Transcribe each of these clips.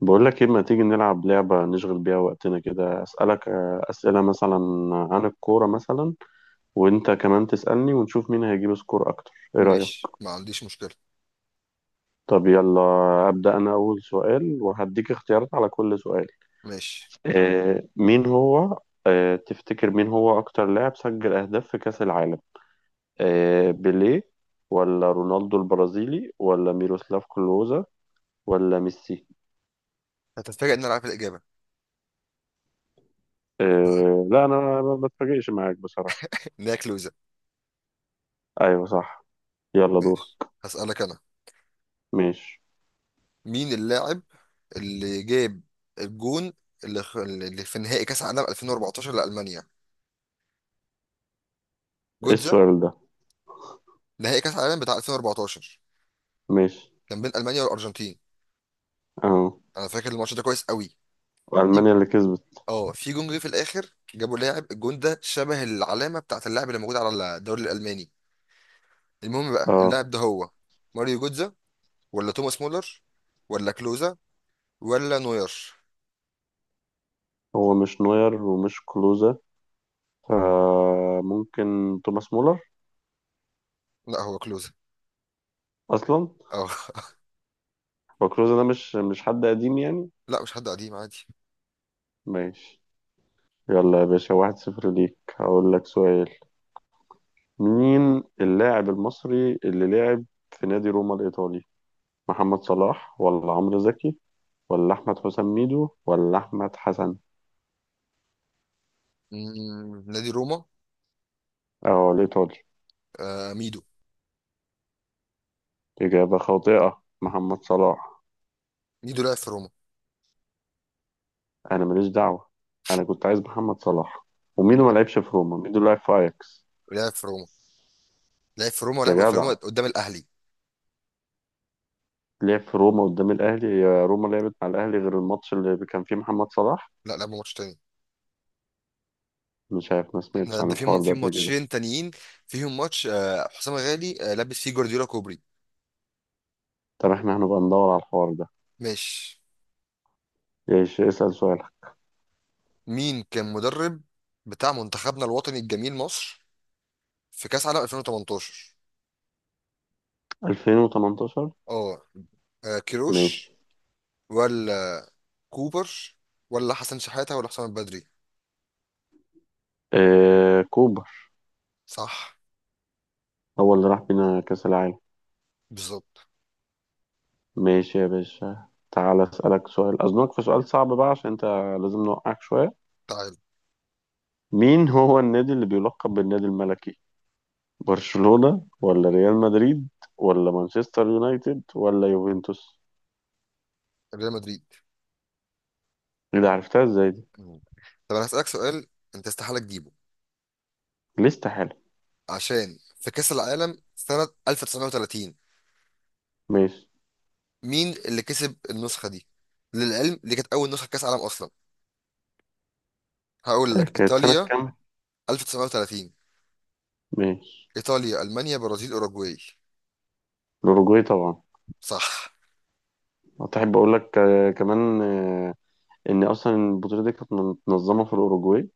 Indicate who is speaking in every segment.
Speaker 1: بقول لك ايه، ما تيجي نلعب لعبة نشغل بيها وقتنا كده. أسألك أسئلة مثلا عن الكورة مثلا، وانت كمان تسألني ونشوف مين هيجيب سكور اكتر. ايه رأيك؟
Speaker 2: ماشي، ما عنديش مشكلة.
Speaker 1: طب يلا، أبدأ انا اول سؤال وهديك اختيارات على كل سؤال.
Speaker 2: ماشي.
Speaker 1: آه مين هو آه، تفتكر مين هو اكتر لاعب سجل اهداف في كأس العالم؟ آه، بيليه ولا رونالدو البرازيلي ولا ميروسلاف كلوزا ولا ميسي؟
Speaker 2: هتتفاجئ ان انا عارف الإجابة.
Speaker 1: آه لا انا ما بتفاجئش معاك بصراحة.
Speaker 2: ان هي كلوزة.
Speaker 1: ايوه صح. يلا دور.
Speaker 2: ماشي، هسألك انا.
Speaker 1: ماشي.
Speaker 2: مين اللاعب اللي جاب الجون اللي في نهائي كأس عالم 2014 لألمانيا؟
Speaker 1: ايه
Speaker 2: جوتزا.
Speaker 1: السؤال ده؟
Speaker 2: نهائي كأس عالم بتاع 2014
Speaker 1: ماشي.
Speaker 2: كان بين ألمانيا والأرجنتين.
Speaker 1: اه،
Speaker 2: انا فاكر الماتش ده كويس قوي. في-
Speaker 1: ألمانيا اللي كسبت.
Speaker 2: اه، في جون جه في الاخر، جابوا لاعب الجون ده شبه العلامة بتاعت اللاعب اللي موجود على الدوري الألماني. المهم بقى
Speaker 1: اه،
Speaker 2: اللاعب ده هو ماريو جوتزا، ولا توماس مولر، ولا كلوزا، ولا نوير؟
Speaker 1: هو مش نوير ومش كلوزا، فممكن توماس مولر.
Speaker 2: لا، هو كلوزا.
Speaker 1: اصلا
Speaker 2: اه.
Speaker 1: هو كلوزا ده مش حد قديم يعني؟
Speaker 2: لا، مش حد قديم، عادي.
Speaker 1: ماشي. يلا يا باشا، واحد صفر ليك. هقول لك سؤال. مين اللاعب المصري اللي لعب في نادي روما الإيطالي؟ محمد صلاح ولا عمرو زكي ولا أحمد حسام ميدو ولا أحمد حسن؟
Speaker 2: نادي روما.
Speaker 1: اه الإيطالي.
Speaker 2: آه ميدو.
Speaker 1: إجابة خاطئة، محمد صلاح.
Speaker 2: ميدو لعب في روما.
Speaker 1: انا ماليش دعوه، انا كنت عايز محمد صلاح. وميدو ما لعبش في روما، ميدو لعب في اياكس.
Speaker 2: لعب في روما. لعب في روما
Speaker 1: يا
Speaker 2: ولعب في
Speaker 1: جدع،
Speaker 2: روما قدام الاهلي.
Speaker 1: لعب في روما قدام الاهلي؟ يا روما لعبت مع الاهلي غير الماتش اللي كان فيه محمد صلاح؟
Speaker 2: لا، لعب ماتش تاني.
Speaker 1: مش عارف، ما
Speaker 2: احنا
Speaker 1: سمعتش عن
Speaker 2: ده في
Speaker 1: الحوار ده
Speaker 2: في
Speaker 1: قبل كده.
Speaker 2: ماتشين تانيين فيهم ماتش، حسام غالي لابس فيه جوارديولا كوبري.
Speaker 1: طب احنا هنبقى ندور على الحوار ده.
Speaker 2: ماشي.
Speaker 1: ايش، اسال سؤالك.
Speaker 2: مين كان مدرب بتاع منتخبنا الوطني الجميل مصر في كاس عالم 2018؟
Speaker 1: 2018.
Speaker 2: اه.
Speaker 1: ماشي.
Speaker 2: كيروش، ولا كوبر، ولا حسن شحاتة، ولا حسام البدري؟
Speaker 1: آه كوبر.
Speaker 2: صح.
Speaker 1: هو اللي راح بينا كاس العالم.
Speaker 2: بالظبط.
Speaker 1: ماشي يا باشا، تعال اسالك سؤال. اظنك في سؤال صعب بقى، عشان انت لازم نوقعك شويه.
Speaker 2: تعال.
Speaker 1: مين هو النادي اللي بيلقب بالنادي الملكي؟ برشلونة ولا ريال مدريد ولا مانشستر يونايتد ولا يوفنتوس؟
Speaker 2: ريال مدريد.
Speaker 1: ايه ده، عرفتها ازاي دي؟
Speaker 2: مم. طب انا هسألك سؤال، انت استحالة تجيبه.
Speaker 1: لسه حلو.
Speaker 2: عشان في كأس العالم سنة 1930،
Speaker 1: ماشي.
Speaker 2: مين اللي كسب النسخة دي؟ للعلم دي كانت اول نسخة كأس عالم اصلا. هقول لك
Speaker 1: كانت سنة
Speaker 2: ايطاليا.
Speaker 1: كام؟
Speaker 2: 1930.
Speaker 1: ماشي.
Speaker 2: ايطاليا، المانيا، برازيل، اوروجواي؟
Speaker 1: الأوروجواي طبعا.
Speaker 2: صح.
Speaker 1: أحب أقول لك كمان إن أصلا البطولة دي كانت متنظمة في الأوروجواي.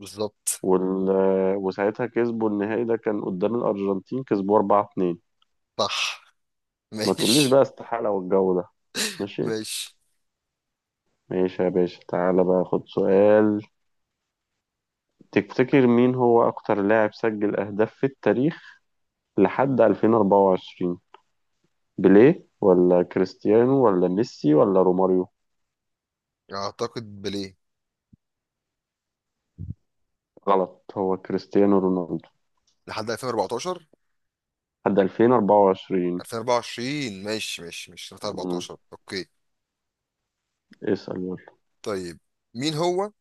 Speaker 2: بالظبط.
Speaker 1: وال... آه، وساعتها كسبوا، النهائي ده كان قدام الأرجنتين، كسبوا 4-2.
Speaker 2: صح.
Speaker 1: ما تقوليش
Speaker 2: ماشي.
Speaker 1: بقى استحالة والجو ده. ماشي.
Speaker 2: ماشي.
Speaker 1: ماشي يا باشا، تعالى بقى خد سؤال. تفتكر مين هو أكتر لاعب سجل أهداف في التاريخ لحد 2024؟ بيليه ولا كريستيانو ولا ميسي ولا روماريو؟
Speaker 2: اعتقد بليه.
Speaker 1: غلط، هو كريستيانو رونالدو.
Speaker 2: لحد 2014.
Speaker 1: لحد 2024.
Speaker 2: 2024 ماشي ماشي، مش
Speaker 1: مم.
Speaker 2: 2014، اوكي.
Speaker 1: اسأل يلا.
Speaker 2: طيب، مين هو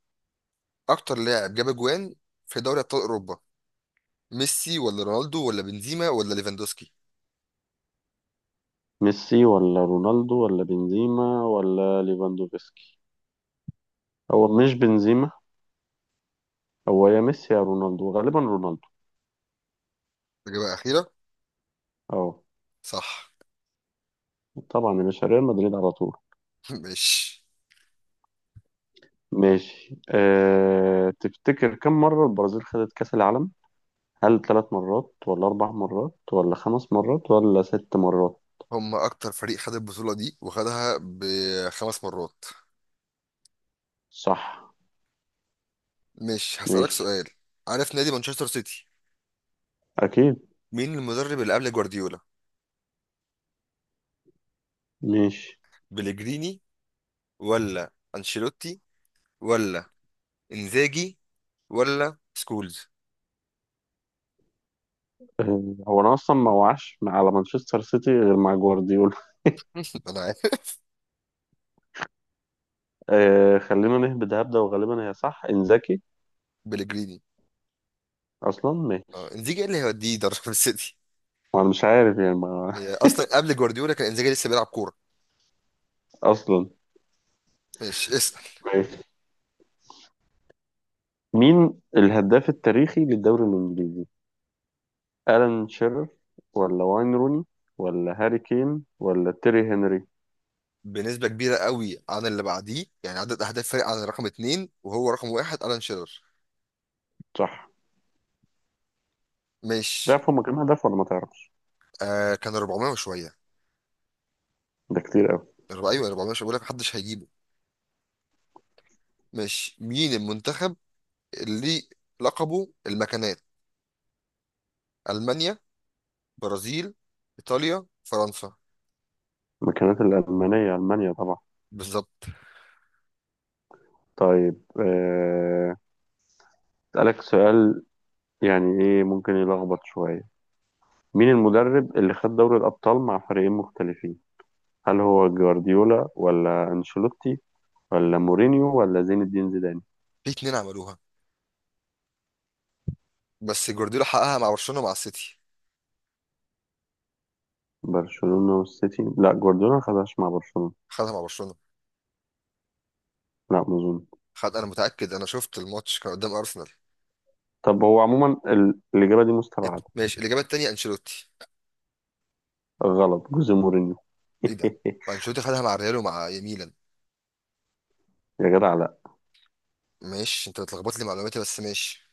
Speaker 2: اكتر لاعب جاب اجوان في دوري ابطال اوروبا؟ ميسي، ولا رونالدو، ولا بنزيما، ولا ليفاندوسكي؟
Speaker 1: ميسي ولا رونالدو ولا بنزيما ولا ليفاندوفسكي. هو مش بنزيما، هو يا ميسي يا رونالدو، غالبا رونالدو.
Speaker 2: إجابة أخيرة.
Speaker 1: اه.
Speaker 2: صح.
Speaker 1: طبعا يا باشا، ريال مدريد على طول.
Speaker 2: ماشي.
Speaker 1: ماشي. تفتكر كم مرة البرازيل خدت كأس العالم؟ هل ثلاث مرات ولا أربع مرات ولا خمس مرات ولا ست مرات؟
Speaker 2: هم أكتر فريق خد البطولة دي وخدها بخمس مرات.
Speaker 1: صح.
Speaker 2: ماشي، هسألك
Speaker 1: ماشي.
Speaker 2: سؤال. عارف نادي مانشستر سيتي؟
Speaker 1: اكيد.
Speaker 2: مين المدرب اللي قبل جوارديولا؟
Speaker 1: ماشي.
Speaker 2: بليجريني، ولا أنشيلوتي، ولا إنزاجي، ولا سكولز؟
Speaker 1: هو انا اصلا ما وعش مع- على مانشستر سيتي غير مع جوارديولا.
Speaker 2: أنا عارف.
Speaker 1: آه خلينا نهبد هبده، وغالبا هي صح انزاكي.
Speaker 2: بليجريني.
Speaker 1: اصلا
Speaker 2: اه،
Speaker 1: ماشي.
Speaker 2: إنزاجي إيه اللي هيوديه يدرب السيتي؟
Speaker 1: وانا مش عارف يعني ما.
Speaker 2: هي أصلا قبل جوارديولا كان إنزاجي لسه بيلعب كورة.
Speaker 1: اصلا.
Speaker 2: ماشي، اسأل.
Speaker 1: ماشي. مين الهداف التاريخي للدوري الانجليزي؟ الان شيرر ولا واين روني ولا هاري كين ولا تيري هنري؟
Speaker 2: بنسبة كبيرة قوي عن اللي بعديه، يعني عدد أهداف فرق عن رقم اتنين، وهو رقم واحد ألان شيرر.
Speaker 1: صح.
Speaker 2: مش
Speaker 1: تعرف هما كام هدف ولا ما تعرفش؟
Speaker 2: كان 400 وشوية.
Speaker 1: ده كتير قوي.
Speaker 2: أيوة 400. مش بقول لك محدش هيجيبه؟ مش مين المنتخب اللي لقبه المكانات؟ ألمانيا، برازيل، إيطاليا، فرنسا؟
Speaker 1: المكانات الالمانيه، المانيا طبعا.
Speaker 2: بالظبط.
Speaker 1: طيب، أسألك سؤال، يعني ايه ممكن يلخبط شوية. مين المدرب اللي خد دوري الأبطال مع فريقين مختلفين؟ هل هو جوارديولا ولا أنشيلوتي ولا مورينيو ولا زين الدين زيدان؟
Speaker 2: في اتنين عملوها، بس جوارديولا حققها مع برشلونة مع السيتي.
Speaker 1: برشلونة والسيتي؟ لا، جوارديولا ما خدهاش مع برشلونة.
Speaker 2: خدها مع برشلونة.
Speaker 1: لا ما أظن.
Speaker 2: خد، أنا متأكد، أنا شفت الماتش كان قدام أرسنال.
Speaker 1: طب هو عموما الإجابة دي مستبعدة.
Speaker 2: ماشي. الإجابة التانية أنشيلوتي.
Speaker 1: غلط، جوزيه مورينيو.
Speaker 2: إيه ده؟ أنشيلوتي خدها مع ريال ومع ميلان.
Speaker 1: يا جدع لا.
Speaker 2: ماشي، انت بتلخبط لي معلوماتي، بس ماشي.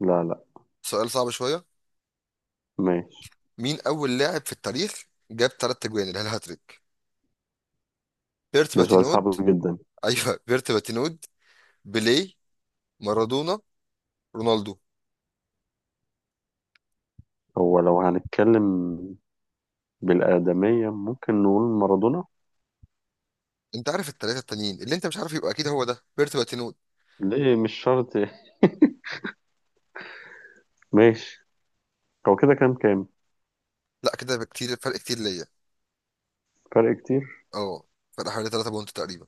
Speaker 1: لا لا.
Speaker 2: سؤال صعب شويه.
Speaker 1: ماشي.
Speaker 2: مين اول لاعب في التاريخ جاب ثلاث تجوان اللي هي الهاتريك؟ بيرت
Speaker 1: ده سؤال
Speaker 2: باتينود.
Speaker 1: صعب جدا.
Speaker 2: ايوه بيرت باتينود، بيليه، مارادونا، رونالدو؟
Speaker 1: هو لو هنتكلم بالآدمية ممكن نقول مارادونا.
Speaker 2: انت عارف الثلاثه التانيين، اللي انت مش عارف يبقى اكيد هو ده بيرت باتينود.
Speaker 1: ليه، مش شرط. ماشي. هو كده كام كام؟
Speaker 2: لا، كده بكتير، فرق كتير ليا.
Speaker 1: فرق كتير؟
Speaker 2: اه، فرق حوالي 3 بونت تقريبا.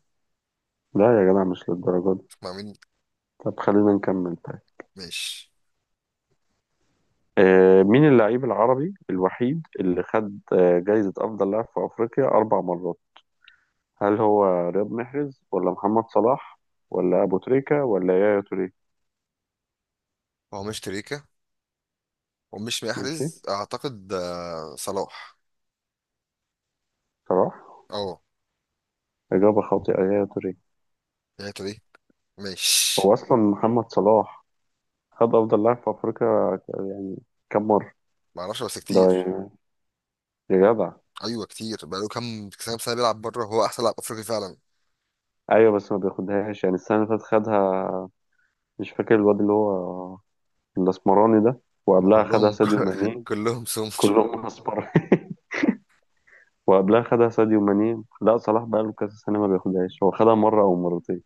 Speaker 1: لا يا جدع مش للدرجة دي.
Speaker 2: مع مين؟
Speaker 1: طب خلينا نكمل طيب.
Speaker 2: ماشي.
Speaker 1: آه، مين اللاعب العربي الوحيد اللي خد آه، جايزة أفضل لاعب في أفريقيا أربع مرات؟ هل هو رياض محرز ولا محمد صلاح ولا أبو تريكة ولا يايا توريه؟
Speaker 2: هو مش تريكا، ومش
Speaker 1: ماشي.
Speaker 2: محرز اعتقد. صلاح.
Speaker 1: صلاح.
Speaker 2: اه.
Speaker 1: إجابة خاطئة، يايا توريه.
Speaker 2: يعني تري.
Speaker 1: هو
Speaker 2: ماشي.
Speaker 1: أصلا محمد صلاح خد أفضل لاعب في أفريقيا كم مرة؟
Speaker 2: معرفش، بس
Speaker 1: ده
Speaker 2: كتير.
Speaker 1: يا، يا جدع.
Speaker 2: ايوه كتير، بقاله كام كام سنه بيلعب بره، هو احسن لاعب افريقي فعلا.
Speaker 1: أيوة بس ما بياخدهاش يعني، السنة اللي فاتت خدها مش فاكر الواد اللي هو الأسمراني ده،
Speaker 2: ما
Speaker 1: وقبلها خدها
Speaker 2: كلهم.
Speaker 1: ساديو ماني.
Speaker 2: كلهم سمر.
Speaker 1: كلهم اصفر. وقبلها خدها ساديو ماني. لا صلاح بقاله كذا سنه ما بياخدهاش، هو خدها مره او مرتين.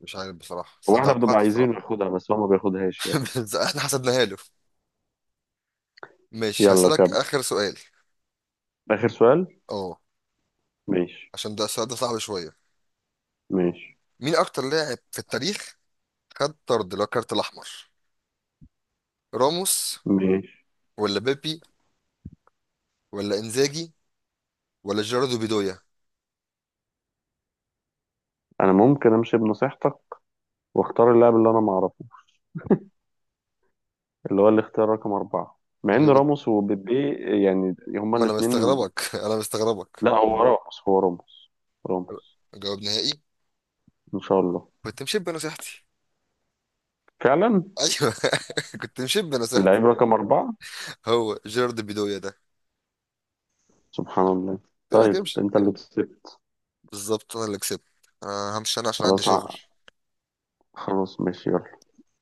Speaker 2: مش عارف بصراحه، بس
Speaker 1: هو
Speaker 2: انا
Speaker 1: احنا بنبقى
Speaker 2: توقعت الصراحه.
Speaker 1: عايزينه ياخدها بس هو ما بياخدهاش يعني.
Speaker 2: بس احنا حسبناها له. مش
Speaker 1: يلا
Speaker 2: هسالك
Speaker 1: كمل
Speaker 2: اخر سؤال.
Speaker 1: اخر سؤال.
Speaker 2: اه.
Speaker 1: ماشي.
Speaker 2: عشان ده السؤال ده صعب شويه.
Speaker 1: ماشي.
Speaker 2: مين اكتر لاعب في التاريخ خد طرد اللي هو الكارت الاحمر؟ راموس،
Speaker 1: ماشي.
Speaker 2: ولا بيبي، ولا انزاجي، ولا جيراردو بيدويا؟
Speaker 1: انا ممكن امشي بنصيحتك، واختار اللاعب اللي انا ما اعرفه، اللي هو الاختيار رقم اربعه. مع ان
Speaker 2: جيرارد-
Speaker 1: راموس وبيبي يعني هما
Speaker 2: ما انا
Speaker 1: الاثنين.
Speaker 2: مستغربك. انا مستغربك.
Speaker 1: لا هو راموس، هو راموس. راموس.
Speaker 2: جواب نهائي.
Speaker 1: ان شاء الله.
Speaker 2: كنت مشيب بنصيحتي.
Speaker 1: فعلا.
Speaker 2: ايوه. كنت مشيب بنصيحتي.
Speaker 1: اللعيب رقم اربعه.
Speaker 2: هو جيرارد بيدويا ده.
Speaker 1: سبحان الله.
Speaker 2: قلت لك
Speaker 1: طيب
Speaker 2: امشي.
Speaker 1: انت اللي
Speaker 2: امشي.
Speaker 1: كسبت.
Speaker 2: بالظبط، انا اللي كسبت. انا همشي انا عشان عندي
Speaker 1: خلاص
Speaker 2: شغل
Speaker 1: ع- خلاص ماشي يلا.